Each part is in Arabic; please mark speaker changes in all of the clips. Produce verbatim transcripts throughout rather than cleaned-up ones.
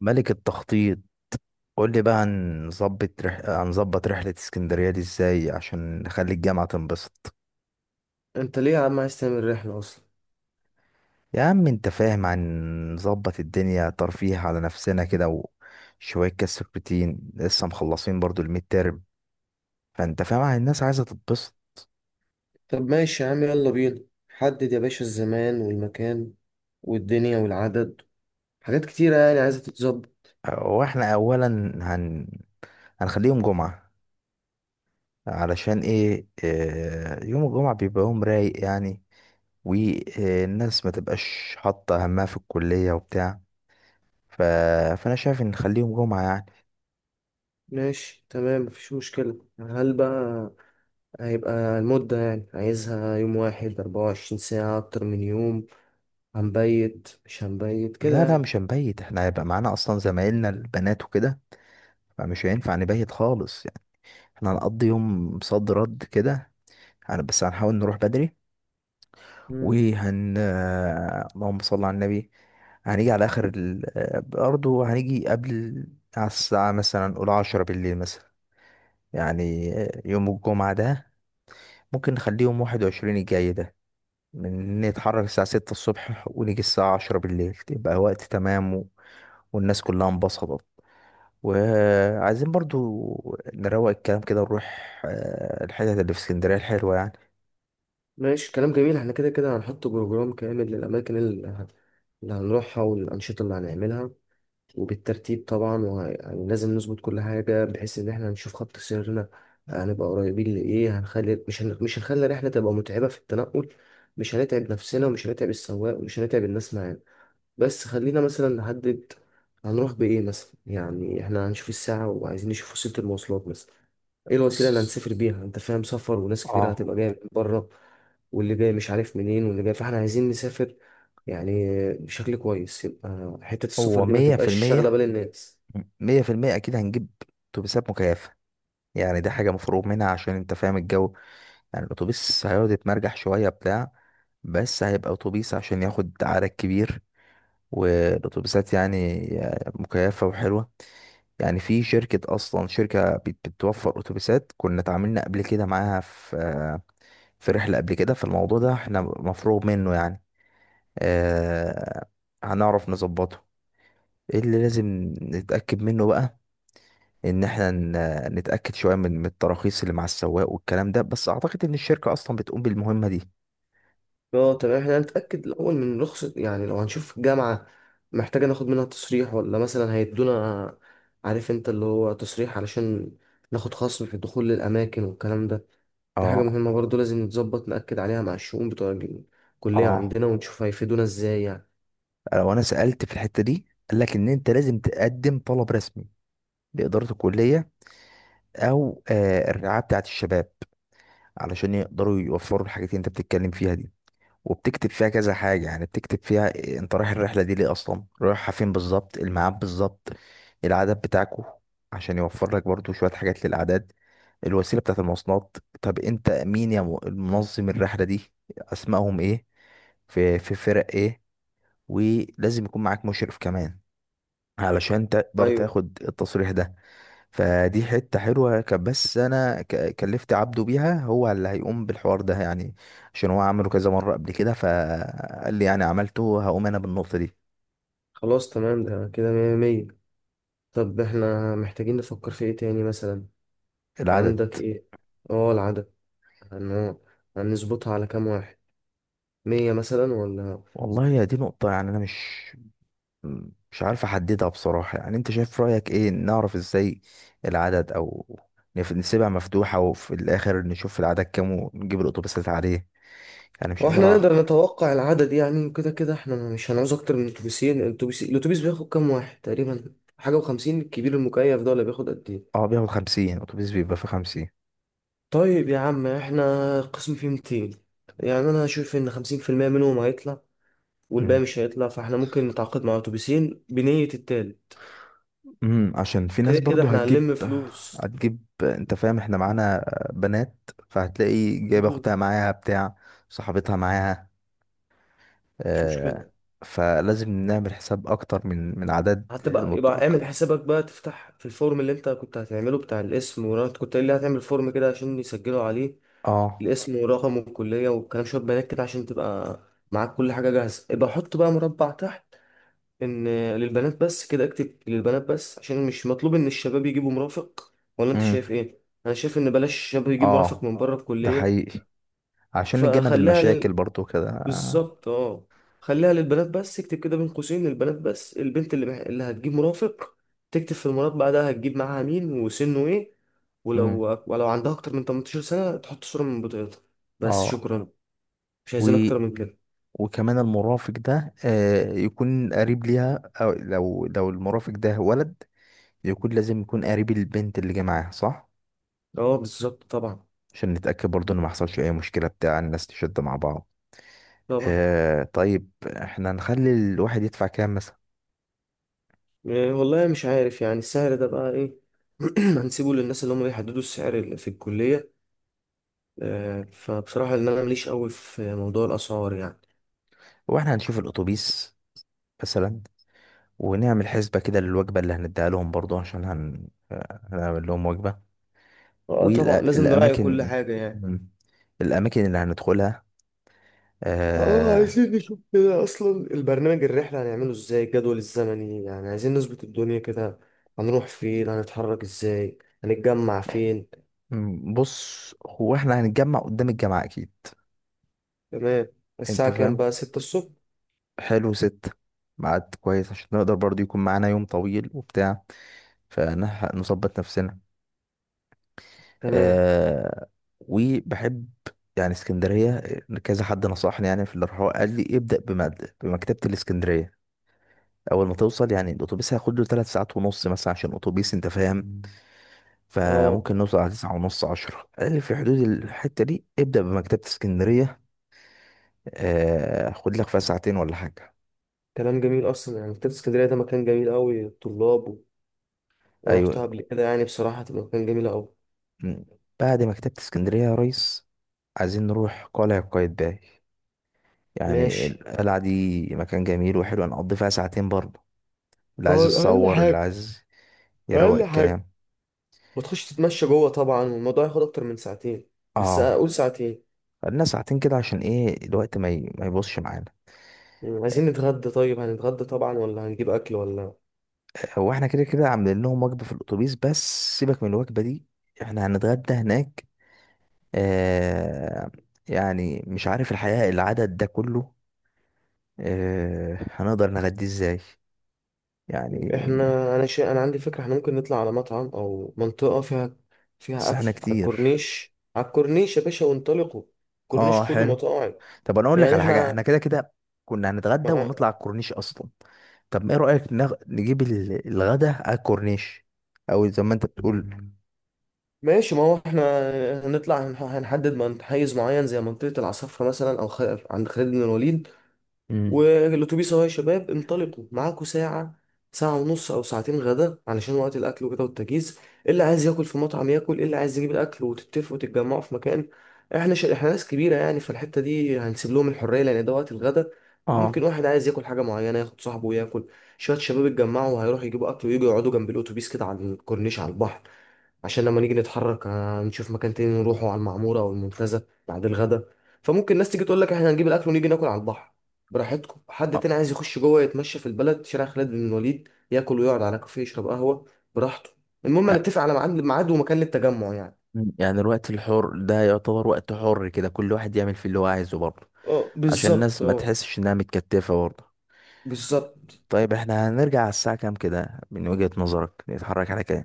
Speaker 1: ملك التخطيط. قول لي بقى، هنظبط رح... هنظبط رحلة اسكندرية دي ازاي عشان نخلي الجامعة تنبسط؟
Speaker 2: انت ليه يا عم عايز تعمل رحلة اصلا؟
Speaker 1: يا عم انت فاهم، هنظبط الدنيا ترفيه على نفسنا كده. وشوية كاس بروتين لسه مخلصين برضو الميد تيرم، فانت فاهم الناس عايزة تتبسط.
Speaker 2: طب ماشي يا عم، يلا بينا. حدد يا باشا الزمان والمكان والدنيا والعدد. حاجات كتيرة يعني عايزة تتظبط.
Speaker 1: واحنا اولا هن... هنخليهم جمعة. علشان ايه؟ آه، يوم الجمعة بيبقى يوم رايق يعني، والناس ما تبقاش حاطة همها في الكلية وبتاع. ف... فانا شايف ان نخليهم جمعة يعني.
Speaker 2: ماشي تمام، مفيش مشكلة. هل بقى هيبقى المدة يعني عايزها يوم واحد، أربعة وعشرين ساعة، أكتر من يوم؟ هنبيت مش هنبيت كده
Speaker 1: لا لا
Speaker 2: يعني؟
Speaker 1: مش هنبيت، احنا هيبقى معانا اصلا زمايلنا البنات وكده، فمش هينفع نبيت خالص يعني. احنا هنقضي يوم صد رد كده. هن- بس هنحاول نروح بدري.
Speaker 2: مم.
Speaker 1: وهن آه، اللهم صل على النبي. هنيجي على اخر ال... آه، برضه هنيجي قبل ال- على الساعة مثلا قول عشرة بالليل مثلا. يعني آه، يوم الجمعة ده ممكن نخليهم واحد وعشرين الجاي ده. من نتحرك الساعة ستة الصبح ونيجي الساعة عشرة بالليل يبقى وقت تمام، والناس كلها انبسطت. وعايزين برضو نروق الكلام كده ونروح آه، الحتت اللي في اسكندرية الحلوة يعني.
Speaker 2: ماشي، كلام جميل، احنا كده كده هنحط بروجرام كامل للأماكن اللي اللي هنروحها والأنشطة اللي هنعملها، وبالترتيب طبعا، ولازم نظبط كل حاجة بحيث إن إحنا هنشوف خط سيرنا هنبقى قريبين لإيه. هنخلي مش هن... مش هنخلي الرحلة تبقى متعبة في التنقل، مش هنتعب نفسنا ومش هنتعب السواق ومش هنتعب الناس معانا. بس خلينا مثلا نحدد هنروح بإيه مثلا، يعني إحنا هنشوف الساعة وعايزين نشوف وسيلة المواصلات مثلا. إيه الوسيلة اللي
Speaker 1: بص،
Speaker 2: هنسافر بيها؟ أنت فاهم، سفر وناس كتير
Speaker 1: اه،
Speaker 2: هتبقى جاية من بره، واللي جاي مش عارف منين واللي جاي، فإحنا عايزين نسافر يعني بشكل كويس، يبقى حتة
Speaker 1: هو
Speaker 2: السفر دي ما
Speaker 1: مية في
Speaker 2: تبقاش شاغلة بال
Speaker 1: المية
Speaker 2: الناس.
Speaker 1: مية في المية أكيد هنجيب أتوبيسات مكيفة. يعني دي حاجة مفروغ منها، عشان أنت فاهم الجو. يعني الأتوبيس هيقعد يتمرجح شوية بتاع، بس هيبقى أتوبيس عشان ياخد عدد كبير. والأتوبيسات يعني آه، مكيفة وحلوة. يعني في شركة، أصلا شركة بت- بتوفر أتوبيسات، كنا اتعاملنا قبل كده معاها في في رحلة قبل كده، فالموضوع ده احنا مفروغ منه يعني. اه، هنعرف نظبطه. ايه اللي لازم نتأكد منه بقى؟ إن احنا ن- نتأكد شوية من من التراخيص اللي مع السواق والكلام ده، بس أعتقد إن الشركة أصلا بتقوم بالمهمة دي.
Speaker 2: اه تمام، احنا هنتأكد الأول من رخصة، يعني لو هنشوف الجامعة محتاجة ناخد منها تصريح، ولا مثلا هيدونا، عارف انت اللي هو تصريح علشان ناخد خصم في الدخول للأماكن والكلام ده. دي حاجة
Speaker 1: اه.
Speaker 2: مهمة برضو، لازم نتظبط نأكد عليها مع الشؤون بتوع الكلية
Speaker 1: اه،
Speaker 2: عندنا ونشوف هيفيدونا ازاي يعني.
Speaker 1: لو أنا سألت في الحتة دي، قال لك إن أنت لازم تقدم طلب رسمي لإدارة الكلية، أو آه الرعاية بتاعة الشباب، علشان يقدروا يوفروا الحاجات اللي انت بتتكلم فيها دي. وبتكتب فيها كذا حاجة، يعني بتكتب فيها إيه، انت رايح الرحلة دي ليه، اصلا رايحة فين بالظبط، الميعاد بالظبط، العدد بتاعكو، عشان يوفر لك برضو شوية حاجات للأعداد، الوسيلة بتاعت المواصلات. طب انت مين يا م- منظم الرحلة دي؟ اسمائهم ايه؟ في في فرق ايه؟ ولازم يكون معاك مشرف كمان علشان تقدر
Speaker 2: ايوه.
Speaker 1: تاخد التصريح ده. فدي حتة حلوة، كان بس أنا ك- كلفت عبده بيها، هو اللي هيقوم بالحوار ده يعني. عشان هو عمله كذا مرة قبل كده، فقال لي يعني عملته هقوم أنا بالنقطة دي.
Speaker 2: خلاص تمام، ده كده مية مية. طب احنا محتاجين نفكر في ايه تاني مثلا؟
Speaker 1: العدد.
Speaker 2: عندك ايه؟ اه، العدد. هن- هنظبطها على كام واحد؟ مية مثلا ولا؟
Speaker 1: والله يا دي نقطة، يعني أنا مش مش عارف أحددها بصراحة. يعني أنت شايف رأيك إيه، نعرف إزاي العدد، أو نف- نسيبها مفتوحة وفي الآخر نشوف العدد كام ونجيب الأتوبيسات عليه؟ يعني مش قادر
Speaker 2: واحنا نقدر
Speaker 1: أعرف.
Speaker 2: نتوقع العدد يعني؟ كده كده احنا مش هنعوز اكتر من اتوبيسين. الاتوبيس الاتوبيس بياخد كام واحد تقريبا؟ حاجة وخمسين الكبير المكيف ده، ولا بياخد قد ايه؟
Speaker 1: أه، بياخد خمسين، أتوبيس بيبقى فيه خمسين.
Speaker 2: طيب يا عم، احنا القسم فيه مئتين، يعني انا هشوف ان خمسين في المية منهم هيطلع والباقي مش هيطلع، فاحنا ممكن نتعاقد مع اتوبيسين بنية التالت.
Speaker 1: امم، عشان في ناس
Speaker 2: كده كده
Speaker 1: برضو
Speaker 2: احنا
Speaker 1: هتجيب
Speaker 2: هنلم فلوس.
Speaker 1: هتجيب انت فاهم، احنا معانا بنات، فهتلاقي جايبه
Speaker 2: مم.
Speaker 1: اختها معاها بتاع، صاحبتها معاها،
Speaker 2: مش
Speaker 1: آه.
Speaker 2: مشكلة.
Speaker 1: فلازم نعمل حساب اكتر من من عدد
Speaker 2: هتبقى، يبقى
Speaker 1: المتوقع.
Speaker 2: اعمل حسابك بقى، تفتح في الفورم اللي انت كنت هتعمله بتاع الاسم، وانت كنت قايل لي هتعمل فورم كده عشان يسجلوا عليه
Speaker 1: اه.
Speaker 2: الاسم ورقم الكلية والكلام، شوية بيانات كده عشان تبقى معاك كل حاجة جاهزة. يبقى حط بقى مربع تحت إن للبنات بس، كده اكتب للبنات بس، عشان مش مطلوب إن الشباب يجيبوا مرافق. ولا أنت شايف
Speaker 1: امم.
Speaker 2: إيه؟ أنا شايف إن بلاش الشباب يجيب مرافق
Speaker 1: اه،
Speaker 2: من بره
Speaker 1: ده
Speaker 2: الكلية.
Speaker 1: حقيقي، عشان نتجنب
Speaker 2: فخليها
Speaker 1: المشاكل
Speaker 2: لل...
Speaker 1: برضو كده.
Speaker 2: بالظبط أه. خليها للبنات بس، اكتب كده بين قوسين للبنات بس. البنت اللي مح... اللي هتجيب مرافق تكتب في المربع ده هتجيب معاها مين وسنه إيه.
Speaker 1: امم.
Speaker 2: ولو ولو عندها أكتر من ثمانية عشر سنة تحط صورة من بطاقتها. بس،
Speaker 1: اه.
Speaker 2: شكرا. مش
Speaker 1: و
Speaker 2: عايزين اكتر من كده.
Speaker 1: وكمان المرافق ده آه يكون قريب ليها. او لو لو المرافق ده ولد، يكون لازم يكون قريب البنت اللي جاي معاها صح.
Speaker 2: اه بالظبط، طبعا.
Speaker 1: عشان نتأكد برضو ان ما حصلش اي مشكلة بتاع الناس تشد مع بعض.
Speaker 2: طبعا.
Speaker 1: آه طيب، احنا هنخلي الواحد يدفع كام مثلا؟
Speaker 2: إيه والله، مش عارف يعني السعر ده بقى ايه. هنسيبه للناس اللي هم بيحددوا السعر اللي في الكلية. آه، فبصراحة ان انا ماليش قوي في موضوع الاسعار يعني.
Speaker 1: واحنا هنشوف الاتوبيس مثلا، ونعمل حسبة كده للوجبة اللي هنديها لهم برضو، عشان هن... آه، هنعمل لهم وجبة.
Speaker 2: اه طبعا، لازم نراعي كل
Speaker 1: والأماكن،
Speaker 2: حاجة يعني.
Speaker 1: الأماكن اللي هندخلها.
Speaker 2: اه،
Speaker 1: آه.
Speaker 2: عايزين نشوف كده اصلا البرنامج الرحلة هنعمله ازاي، الجدول الزمني يعني، عايزين نظبط الدنيا كده. هنروح فين، هنتحرك ازاي، هنتجمع فين؟
Speaker 1: م- بص، هو احنا هنتجمع قدام الجامعة أكيد.
Speaker 2: تمام.
Speaker 1: أنت
Speaker 2: الساعة كام
Speaker 1: فاهم.
Speaker 2: بقى، ستة الصبح؟
Speaker 1: حلو ست، ميعاد كويس عشان نقدر برضو يكون معانا يوم طويل وبتاع، فنظبط نفسنا.
Speaker 2: تمام.
Speaker 1: آه. وبحب يعني اسكندرية. كذا حد نصحني يعني في الرحلة، قال لي ابدأ بمد بمكتبة الاسكندرية أول ما توصل. يعني الأتوبيس هياخد له تلات ساعات ونص مثلا، عشان أتوبيس أنت فاهم. فممكن
Speaker 2: اه،
Speaker 1: نوصل على تسعة ونص، عشرة. قال لي في حدود الحتة دي ابدأ بمكتبة اسكندرية، آه، خد لك فيها ساعتين ولا حاجة.
Speaker 2: كلام جميل اصلا يعني، مكتبة اسكندرية ده مكان جميل قوي، الطلاب و- وانا رحتها
Speaker 1: أيوة.
Speaker 2: قبل كده، يعني بصراحة تبقى مكان جميل قوي.
Speaker 1: م. بعد مكتبة اسكندرية يا ريس، عايزين نروح قلعة قايتباي. يعني
Speaker 2: ماشي.
Speaker 1: القلعة دي مكان جميل وحلو، هنقضي فيها ساعتين برضه. اللي عايز
Speaker 2: اه، اقل
Speaker 1: يتصور، اللي
Speaker 2: حاجه.
Speaker 1: عايز يروق
Speaker 2: اقل حاجه.
Speaker 1: الكلام.
Speaker 2: وتخش تتمشى جوه طبعا، والموضوع ياخد اكتر من ساعتين، بس
Speaker 1: اه.
Speaker 2: اقول ساعتين.
Speaker 1: خدنا ساعتين كده عشان ايه، الوقت ما ي... ما يبصش معانا.
Speaker 2: مم، عايزين نتغدى؟ طيب هنتغدى طبعا، ولا هنجيب اكل ولا؟
Speaker 1: هو احنا كده كده عاملين لهم وجبة في الاتوبيس. بس سيبك من الوجبة دي، احنا هنتغدى هناك. آه. يعني مش عارف الحقيقة، العدد ده كله آه هنقدر نغديه ازاي يعني؟
Speaker 2: احنا، انا شيء، انا عندي فكرة، احنا ممكن نطلع على مطعم او منطقة فيها فيها
Speaker 1: بس
Speaker 2: اكل
Speaker 1: احنا
Speaker 2: على
Speaker 1: كتير.
Speaker 2: الكورنيش، على الكورنيش يا باشا وانطلقوا. الكورنيش
Speaker 1: اه،
Speaker 2: كله
Speaker 1: حلو.
Speaker 2: مطاعم.
Speaker 1: طب انا اقول لك
Speaker 2: يعني
Speaker 1: على حاجه، احنا
Speaker 2: احنا،
Speaker 1: كده كده كنا هنتغدى ونطلع على الكورنيش اصلا. طب ما ايه رايك نغ... نجيب ال- الغدا على الكورنيش، او زي ما انت بتقول.
Speaker 2: ماشي. ما هو احنا هنطلع، هنح- هنحدد من حيز معين زي منطقة العصفرة مثلا، أو خ... عند خالد بن الوليد.
Speaker 1: امم.
Speaker 2: والأتوبيس أهو، يا شباب انطلقوا، معاكوا ساعة، ساعة ونص أو ساعتين غدا علشان وقت الأكل وكده والتجهيز. إيه اللي عايز ياكل في مطعم ياكل، إيه اللي عايز يجيب الأكل وتتفقوا وتتجمعوا في مكان. احنا ش... احنا ناس كبيرة يعني، فالحتة دي هنسيب لهم الحرية، لأن ده وقت الغدا.
Speaker 1: اه.
Speaker 2: ممكن واحد عايز ياكل حاجة معينة ياخد صاحبه وياكل، شوية شباب اتجمعوا وهيروحوا يجيبوا أكل ويجوا يقعدوا جنب الأتوبيس كده على الكورنيش على البحر، عشان لما نيجي نتحرك آه، نشوف مكان تاني نروحه على المعمورة أو المنتزه بعد الغدا. فممكن الناس تيجي تقول لك احنا هنجيب الأكل ونيجي ناكل على البحر، براحتكم. حد
Speaker 1: آه،
Speaker 2: تاني عايز يخش جوه يتمشى في البلد شارع خالد بن الوليد ياكل ويقعد على كافيه يشرب قهوة براحته. المهم
Speaker 1: يع-
Speaker 2: نتفق على ميعاد ميعاد ومكان للتجمع يعني.
Speaker 1: يعني الوقت الحر ده يعتبر وقت حر كده، كل واحد يعمل فيه اللي هو عايزه برضه.
Speaker 2: اه
Speaker 1: عشان
Speaker 2: بالظبط.
Speaker 1: الناس ما
Speaker 2: اه
Speaker 1: تحسش انها متكتفه برضه.
Speaker 2: بالظبط.
Speaker 1: طيب احنا هنرجع على الساعه كام كده من وجهه نظرك، نتحرك على كام؟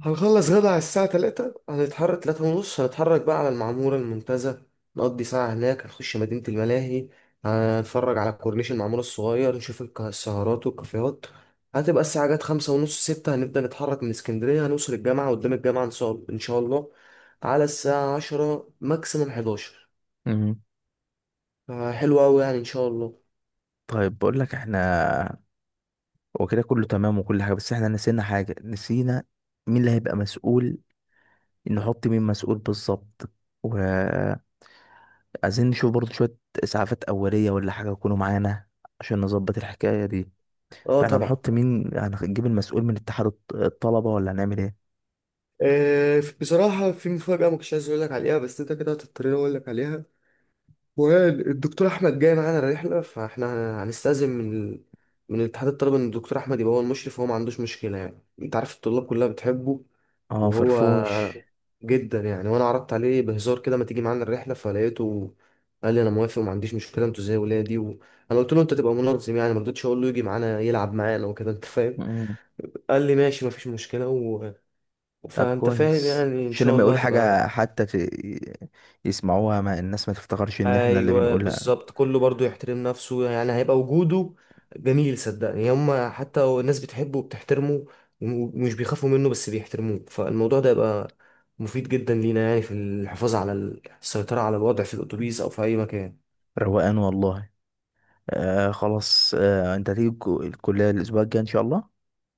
Speaker 2: هنخلص غدا على الساعة تلاتة، هنتحرك تلاتة ونص، هنتحرك بقى على المعمورة المنتزه، نقضي ساعة هناك، هنخش مدينة الملاهي، هنتفرج على كورنيش المعمورة الصغير، نشوف الك- السهرات والكافيهات. هتبقى الساعة جت خمسة ونص ستة هنبدأ نتحرك من اسكندرية، هنوصل الجامعة قدام الجامعة إن شاء إن شاء الله على الساعة عشرة ماكسيمم حداشر.
Speaker 1: امم.
Speaker 2: آه، حلو أوي يعني إن شاء الله.
Speaker 1: طيب بقول لك احنا، هو كده كله تمام وكل حاجه، بس احنا نسينا حاجه، نسينا مين اللي هيبقى مسؤول، نحط مين مسؤول بالظبط. وعايزين نشوف برضه شوية إسعافات أولية ولا حاجة يكونوا معانا، عشان نظبط الحكاية دي.
Speaker 2: اه
Speaker 1: فاحنا
Speaker 2: طبعا.
Speaker 1: هنحط مين، هنجيب المسؤول من اتحاد الط- الطلبة، ولا هنعمل ايه؟
Speaker 2: آه، بصراحة في مفاجأة ما كنتش عايز أقول لك عليها، بس أنت كده هتضطرني أقول لك عليها. والدكتور احمد جاي معانا الرحله، فاحنا هنستأذن من ال... من اتحاد الطلبه ان الدكتور احمد يبقى هو المشرف، وهو ما عندوش مشكله. يعني انت عارف الطلاب كلها بتحبه.
Speaker 1: اه،
Speaker 2: وهو
Speaker 1: فرفوش.
Speaker 2: جدا يعني، وانا عرضت عليه بهزار كده ما تيجي معانا الرحله، فلقيته قال لي انا موافق وما عنديش مشكله، انتوا زي ولادي. وانا قلت له انت تبقى منظم، يعني ما رضيتش اقول له يجي معانا يلعب معانا وكده، انت فاهم.
Speaker 1: مم.
Speaker 2: قال لي ماشي، ما فيش مشكله و...
Speaker 1: طب
Speaker 2: فانت فاهم
Speaker 1: كويس،
Speaker 2: يعني، ان
Speaker 1: عشان
Speaker 2: شاء
Speaker 1: لما
Speaker 2: الله
Speaker 1: يقول
Speaker 2: تبقى.
Speaker 1: حاجة حتى ت- يسمعوها، ما الناس ما تفتكرش ان احنا اللي
Speaker 2: ايوه
Speaker 1: بنقولها.
Speaker 2: بالظبط، كله برضو يحترم نفسه، يعني هيبقى وجوده جميل، صدقني. هم حتى الناس بتحبه وبتحترمه ومش بيخافوا منه، بس بيحترموه. فالموضوع ده يبقى مفيد جدا لينا يعني في الحفاظ على ال- السيطرة على الوضع في الأتوبيس أو في أي مكان.
Speaker 1: روقان والله. آه خلاص، آه انت هتيجي الكو- الكلية الأسبوع الجاي إن شاء الله.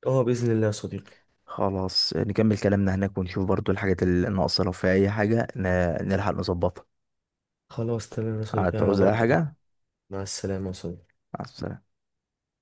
Speaker 2: اه بإذن الله يا صديقي.
Speaker 1: خلاص نكمل كلامنا هناك، ونشوف برضو الحاجات اللي ناقصة، لو في أي حاجة ن- نلحق نظبطها.
Speaker 2: خلاص تمام يا صديقي، على
Speaker 1: هتعوز أي
Speaker 2: بركة الله.
Speaker 1: حاجة.
Speaker 2: مع السلامة يا صديقي.
Speaker 1: مع السلامة.